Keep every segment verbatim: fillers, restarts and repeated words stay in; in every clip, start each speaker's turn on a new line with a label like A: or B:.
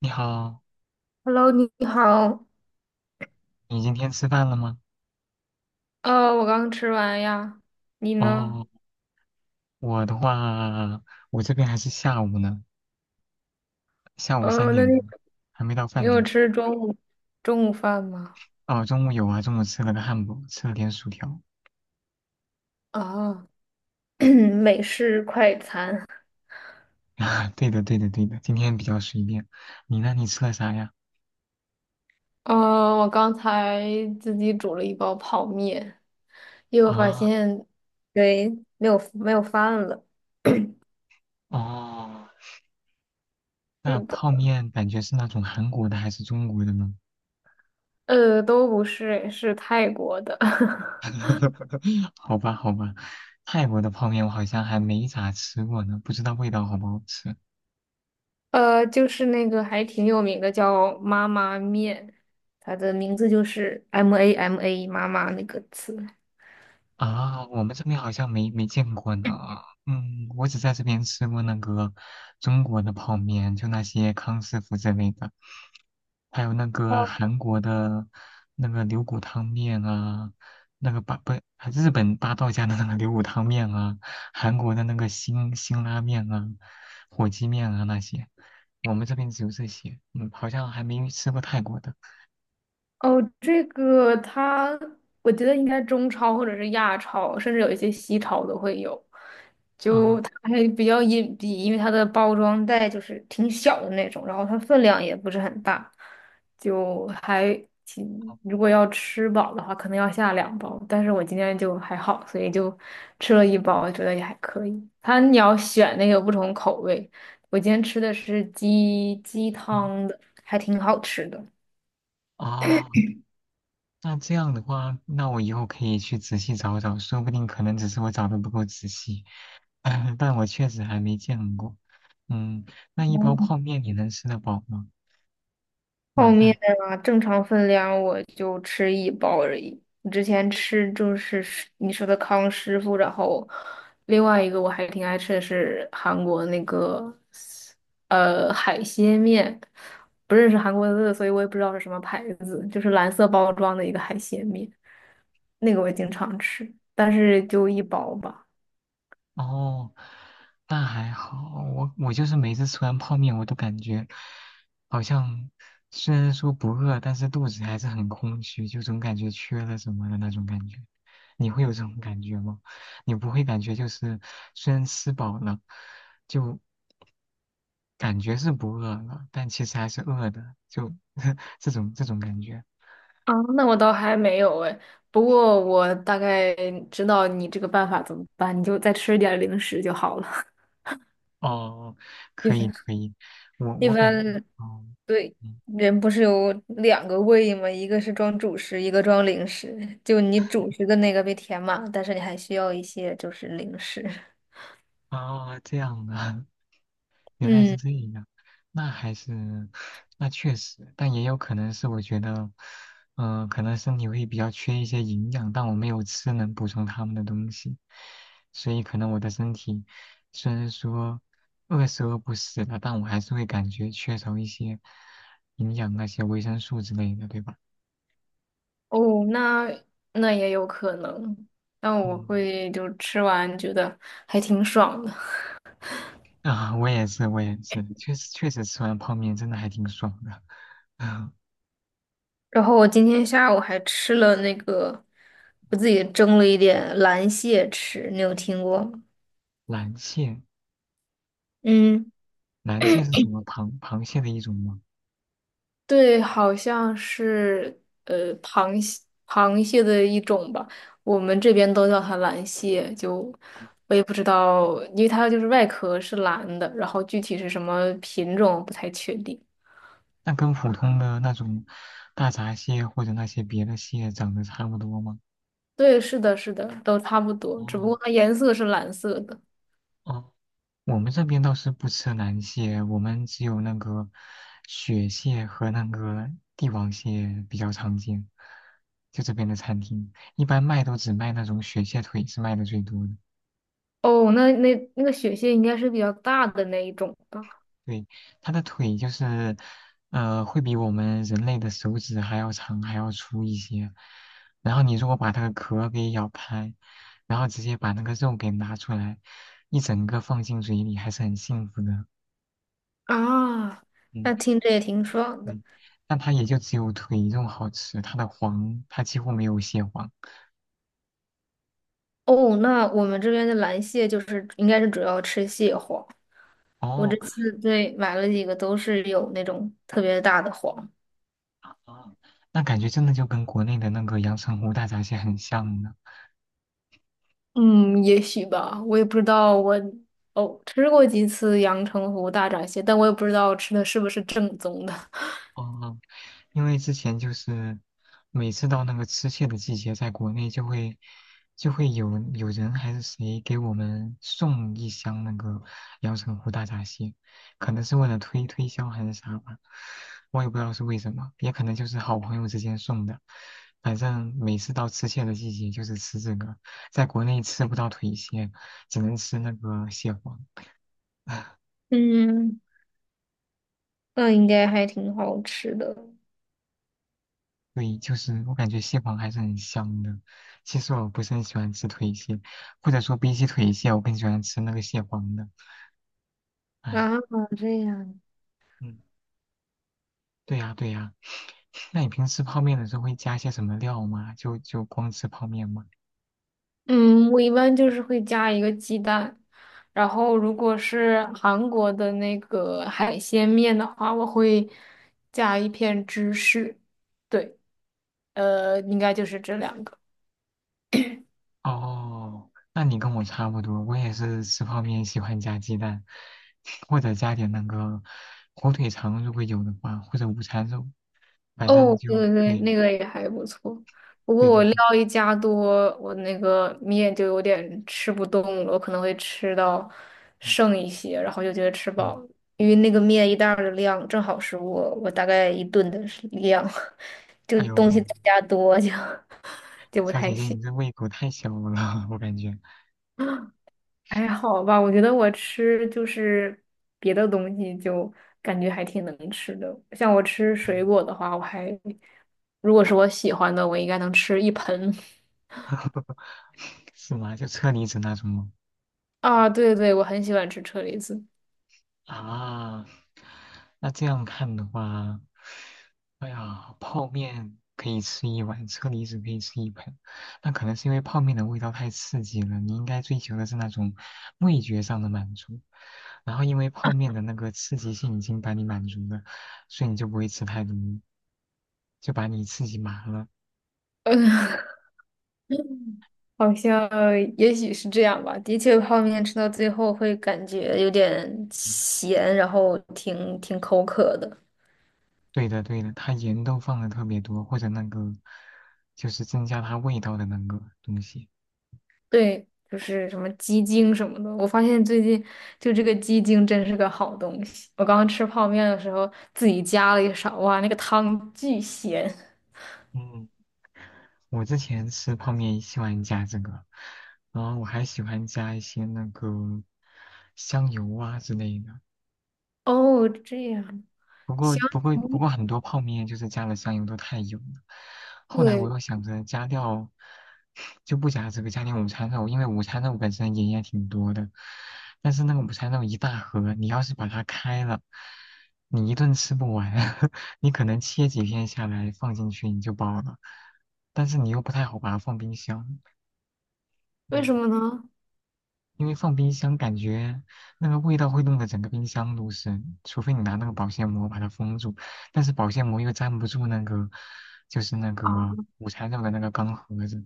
A: 你好，
B: Hello，你好。
A: 你今天吃饭了吗？
B: 呃，我刚吃完呀，你呢？
A: 哦，我的话，我这边还是下午呢，下午三
B: 呃，那
A: 点
B: 你
A: 多，还没到
B: 你
A: 饭
B: 有
A: 点。
B: 吃中午中午饭吗？
A: 哦，中午有啊，中午吃了个汉堡，吃了点薯条。
B: 啊，美式快餐。
A: 啊，对的，对的，对的，今天比较随便。你呢？你吃了啥呀？
B: 呃，我刚才自己煮了一包泡面，又发
A: 啊，
B: 现，对，没有没有饭了。
A: 哦，那
B: 是的，
A: 泡面感觉是那种韩国的还是中国的呢？
B: 呃，都不是，是泰国的，
A: 好吧，好吧，泰国的泡面我好像还没咋吃过呢，不知道味道好不好吃。
B: 呃，就是那个还挺有名的，叫妈妈面，它的名字就是 M A M A 妈妈那个词。
A: 啊，我们这边好像没没见过呢。嗯，我只在这边吃过那个中国的泡面，就那些康师傅之类的，还有那个
B: 哦，
A: 韩国的那个牛骨汤面啊，那个八不日本八道家的那个牛骨汤面啊，韩国的那个辛辛拉面啊，火鸡面啊那些，我们这边只有这些。嗯，好像还没吃过泰国的。
B: 哦，这个它，我觉得应该中超或者是亚超，甚至有一些西超都会有。
A: 啊，
B: 就它还比较隐蔽，因为它的包装袋就是挺小的那种，然后它分量也不是很大，就还挺，
A: 好，
B: 如果要吃饱的话，可能要下两包。但是我今天就还好，所以就吃了一包，觉得也还可以。它你要选那个不同口味，我今天吃的是鸡鸡
A: 嗯，
B: 汤的，还挺好吃的。
A: 啊。那这样的话，那我以后可以去仔细找找，说不定可能只是我找的不够仔细，但我确实还没见过。嗯，那一包泡面你能吃得饱吗？
B: 泡
A: 晚
B: 面
A: 饭？
B: 啊，正常分量我就吃一包而已。我之前吃就是是你说的康师傅，然后另外一个我还挺爱吃的是韩国那个呃海鲜面，不认识韩国字，所以我也不知道是什么牌子，就是蓝色包装的一个海鲜面，那个我经常吃，但是就一包吧。
A: 哦，那还好，我我就是每次吃完泡面，我都感觉好像虽然说不饿，但是肚子还是很空虚，就总感觉缺了什么的那种感觉。你会有这种感觉吗？你不会感觉就是虽然吃饱了，就感觉是不饿了，但其实还是饿的，就 这种这种感觉。
B: 啊，那我倒还没有哎，不过我大概知道你这个办法怎么办，你就再吃点零食就好了。
A: 哦，
B: 一
A: 可以
B: 般
A: 可以，我
B: 一
A: 我感，
B: 般
A: 哦，
B: 对，
A: 嗯，
B: 人不是有两个胃吗？一个是装主食，一个装零食。就你主食的那个被填满，但是你还需要一些就是零食。
A: 哦，这样的。原来是
B: 嗯，
A: 这样，那还是，那确实，但也有可能是我觉得，嗯、可能身体会比较缺一些营养，但我没有吃能补充他们的东西，所以可能我的身体虽然说饿是饿不死的，但我还是会感觉缺少一些营养，那些维生素之类的，对吧？
B: 哦，那那也有可能，那我
A: 嗯，
B: 会就吃完觉得还挺爽的。
A: 啊，我也是，我也是，确实确实吃完泡面真的还挺爽的，啊，
B: 然后我今天下午还吃了那个，我自己蒸了一点蓝蟹吃，你有听过吗？
A: 蓝蟹，
B: 嗯。
A: 蓝蟹是什么螃螃蟹的一种吗？
B: 对，好像是呃螃蟹螃蟹的一种吧，我们这边都叫它蓝蟹，就我也不知道，因为它就是外壳是蓝的，然后具体是什么品种不太确定。
A: 那跟普通的那种大闸蟹或者那些别的蟹长得差不多吗？
B: 对，是的，是的，都差不多，只不
A: 哦
B: 过它颜色是蓝色的。
A: 哦，我们这边倒是不吃南蟹，我们只有那个雪蟹和那个帝王蟹比较常见。就这边的餐厅，一般卖都只卖那种雪蟹腿是卖的最多的。
B: 哦，那那那个雪蟹应该是比较大的那一种吧？
A: 对，它的腿就是，呃，会比我们人类的手指还要长，还要粗一些。然后你如果把它的壳给咬开，然后直接把那个肉给拿出来，一整个放进嘴里，还是很幸福的。
B: 啊，
A: 嗯，
B: 那听着也挺爽的。
A: 对。但它也就只有腿肉好吃，它的黄它几乎没有蟹黄。
B: 哦，那我们这边的蓝蟹就是应该是主要吃蟹黄。我这
A: 哦，
B: 次对买了几个都是有那种特别大的黄。
A: 哦，那感觉真的就跟国内的那个阳澄湖大闸蟹很像呢。
B: 嗯，也许吧，我也不知道我。哦，吃过几次阳澄湖大闸蟹，但我也不知道吃的是不是正宗的。
A: 哦，因为之前就是每次到那个吃蟹的季节，在国内就会就会有有人还是谁给我们送一箱那个阳澄湖大闸蟹，可能是为了推推销还是啥吧，我也不知道是为什么，也可能就是好朋友之间送的。反正每次到吃蟹的季节就是吃这个，在国内吃不到腿蟹，只能吃那个蟹黄。
B: 嗯，那应该还挺好吃的。
A: 对，就是我感觉蟹黄还是很香的。其实我不是很喜欢吃腿蟹，或者说比起腿蟹，我更喜欢吃那个蟹黄的。哎，
B: 啊，这样。
A: 嗯，对呀，对呀。那你平时泡面的时候会加些什么料吗？就就光吃泡面吗？
B: 嗯，我一般就是会加一个鸡蛋，然后如果是韩国的那个海鲜面的话，我会加一片芝士。对，呃，应该就是这两个。
A: 哦，那你跟我差不多，我也是吃泡面喜欢加鸡蛋，或者加点那个火腿肠，如果有的话，或者午餐肉，反
B: 哦，
A: 正就
B: 对对对，
A: 对
B: 那个也还不错。不
A: 对
B: 过我
A: 对
B: 料
A: 对，
B: 一加多，我那个面就有点吃不动了，我可能会吃到
A: 嗯
B: 剩一些，然后就觉得吃饱
A: 嗯，
B: 了，因为那个面一袋儿的量正好是我我大概一顿的量，就
A: 哎呦。
B: 东西再加多就 就不
A: 小
B: 太
A: 姐姐，
B: 行。
A: 你这胃口太小了，我感觉。
B: 还好吧，我觉得我吃就是别的东西就感觉还挺能吃的。像我吃水果的话，我还如果是我喜欢的，我应该能吃一盆。
A: 是吗？就车厘子那种吗？
B: 啊，对对，我很喜欢吃车厘子。
A: 啊，那这样看的话，哎呀，泡面可以吃一碗，车厘子可以吃一盆。那可能是因为泡面的味道太刺激了，你应该追求的是那种味觉上的满足。然后因为泡面的那个刺激性已经把你满足了，所以你就不会吃太多，就把你刺激麻了。
B: 嗯，好像也许是这样吧。的确，泡面吃到最后会感觉有点
A: 嗯
B: 咸，然后挺挺口渴的。
A: 对的对的，它盐都放的特别多，或者那个就是增加它味道的那个东西。
B: 对，就是什么鸡精什么的。我发现最近就这个鸡精真是个好东西。我刚刚吃泡面的时候自己加了一勺，哇，那个汤巨咸。
A: 嗯，我之前吃泡面喜欢加这个，然后我还喜欢加一些那个香油啊之类的。
B: 哦，这样，
A: 不过
B: 行，
A: 不过不
B: 嗯
A: 过很多泡面就是加了香油都太油了。后来我
B: 对，
A: 又想着加掉，就不加这个，加点午餐肉，因为午餐肉本身盐也挺多的。但是那个午餐肉一大盒，你要是把它开了，你一顿吃不完，你可能切几片下来放进去你就饱了，但是你又不太好把它放冰箱。
B: 为什
A: 嗯。
B: 么呢？
A: 因为放冰箱感觉那个味道会弄得整个冰箱都是，除非你拿那个保鲜膜把它封住，但是保鲜膜又粘不住那个，就是那
B: 啊
A: 个午餐肉的那个钢盒子。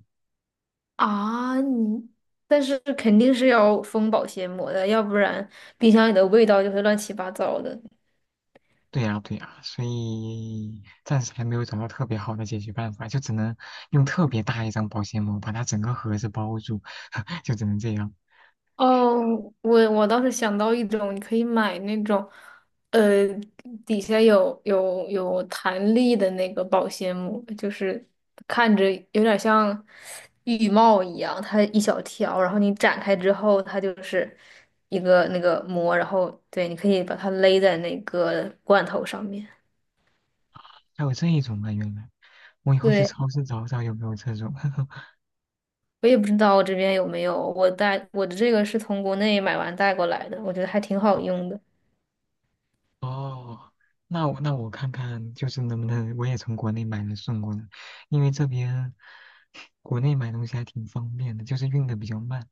B: 啊，你，但是肯定是要封保鲜膜的，要不然冰箱里的味道就会乱七八糟的。
A: 对呀，对呀，所以暂时还没有找到特别好的解决办法，就只能用特别大一张保鲜膜把它整个盒子包住，就只能这样。
B: 哦，我我倒是想到一种，你可以买那种，呃，底下有有有弹力的那个保鲜膜，就是看着有点像浴帽一样，它一小条，然后你展开之后，它就是一个那个膜，然后对，你可以把它勒在那个罐头上面。
A: 还有这一种啊，原来我以后去
B: 对，
A: 超市找找有没有这种。
B: 我也不知道我这边有没有，我带我的这个是从国内买完带过来的，我觉得还挺好用的。
A: 哦，那我那我看看，就是能不能我也从国内买了送过来，因为这边国内买东西还挺方便的，就是运的比较慢。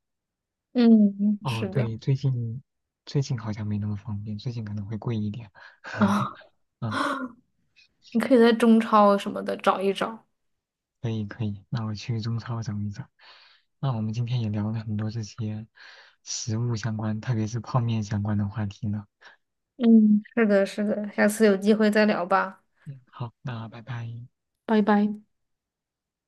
B: 嗯，
A: 哦，
B: 是的。
A: 对，最近最近好像没那么方便，最近可能会贵一点。
B: 啊。
A: 嗯，
B: 你可以在中超什么的找一找。
A: 可以可以，那我去中超找一找。那我们今天也聊了很多这些食物相关，特别是泡面相关的话题呢。
B: 嗯，是的，是的，下次有机会再聊吧，
A: 嗯，好，那拜拜。
B: 拜拜。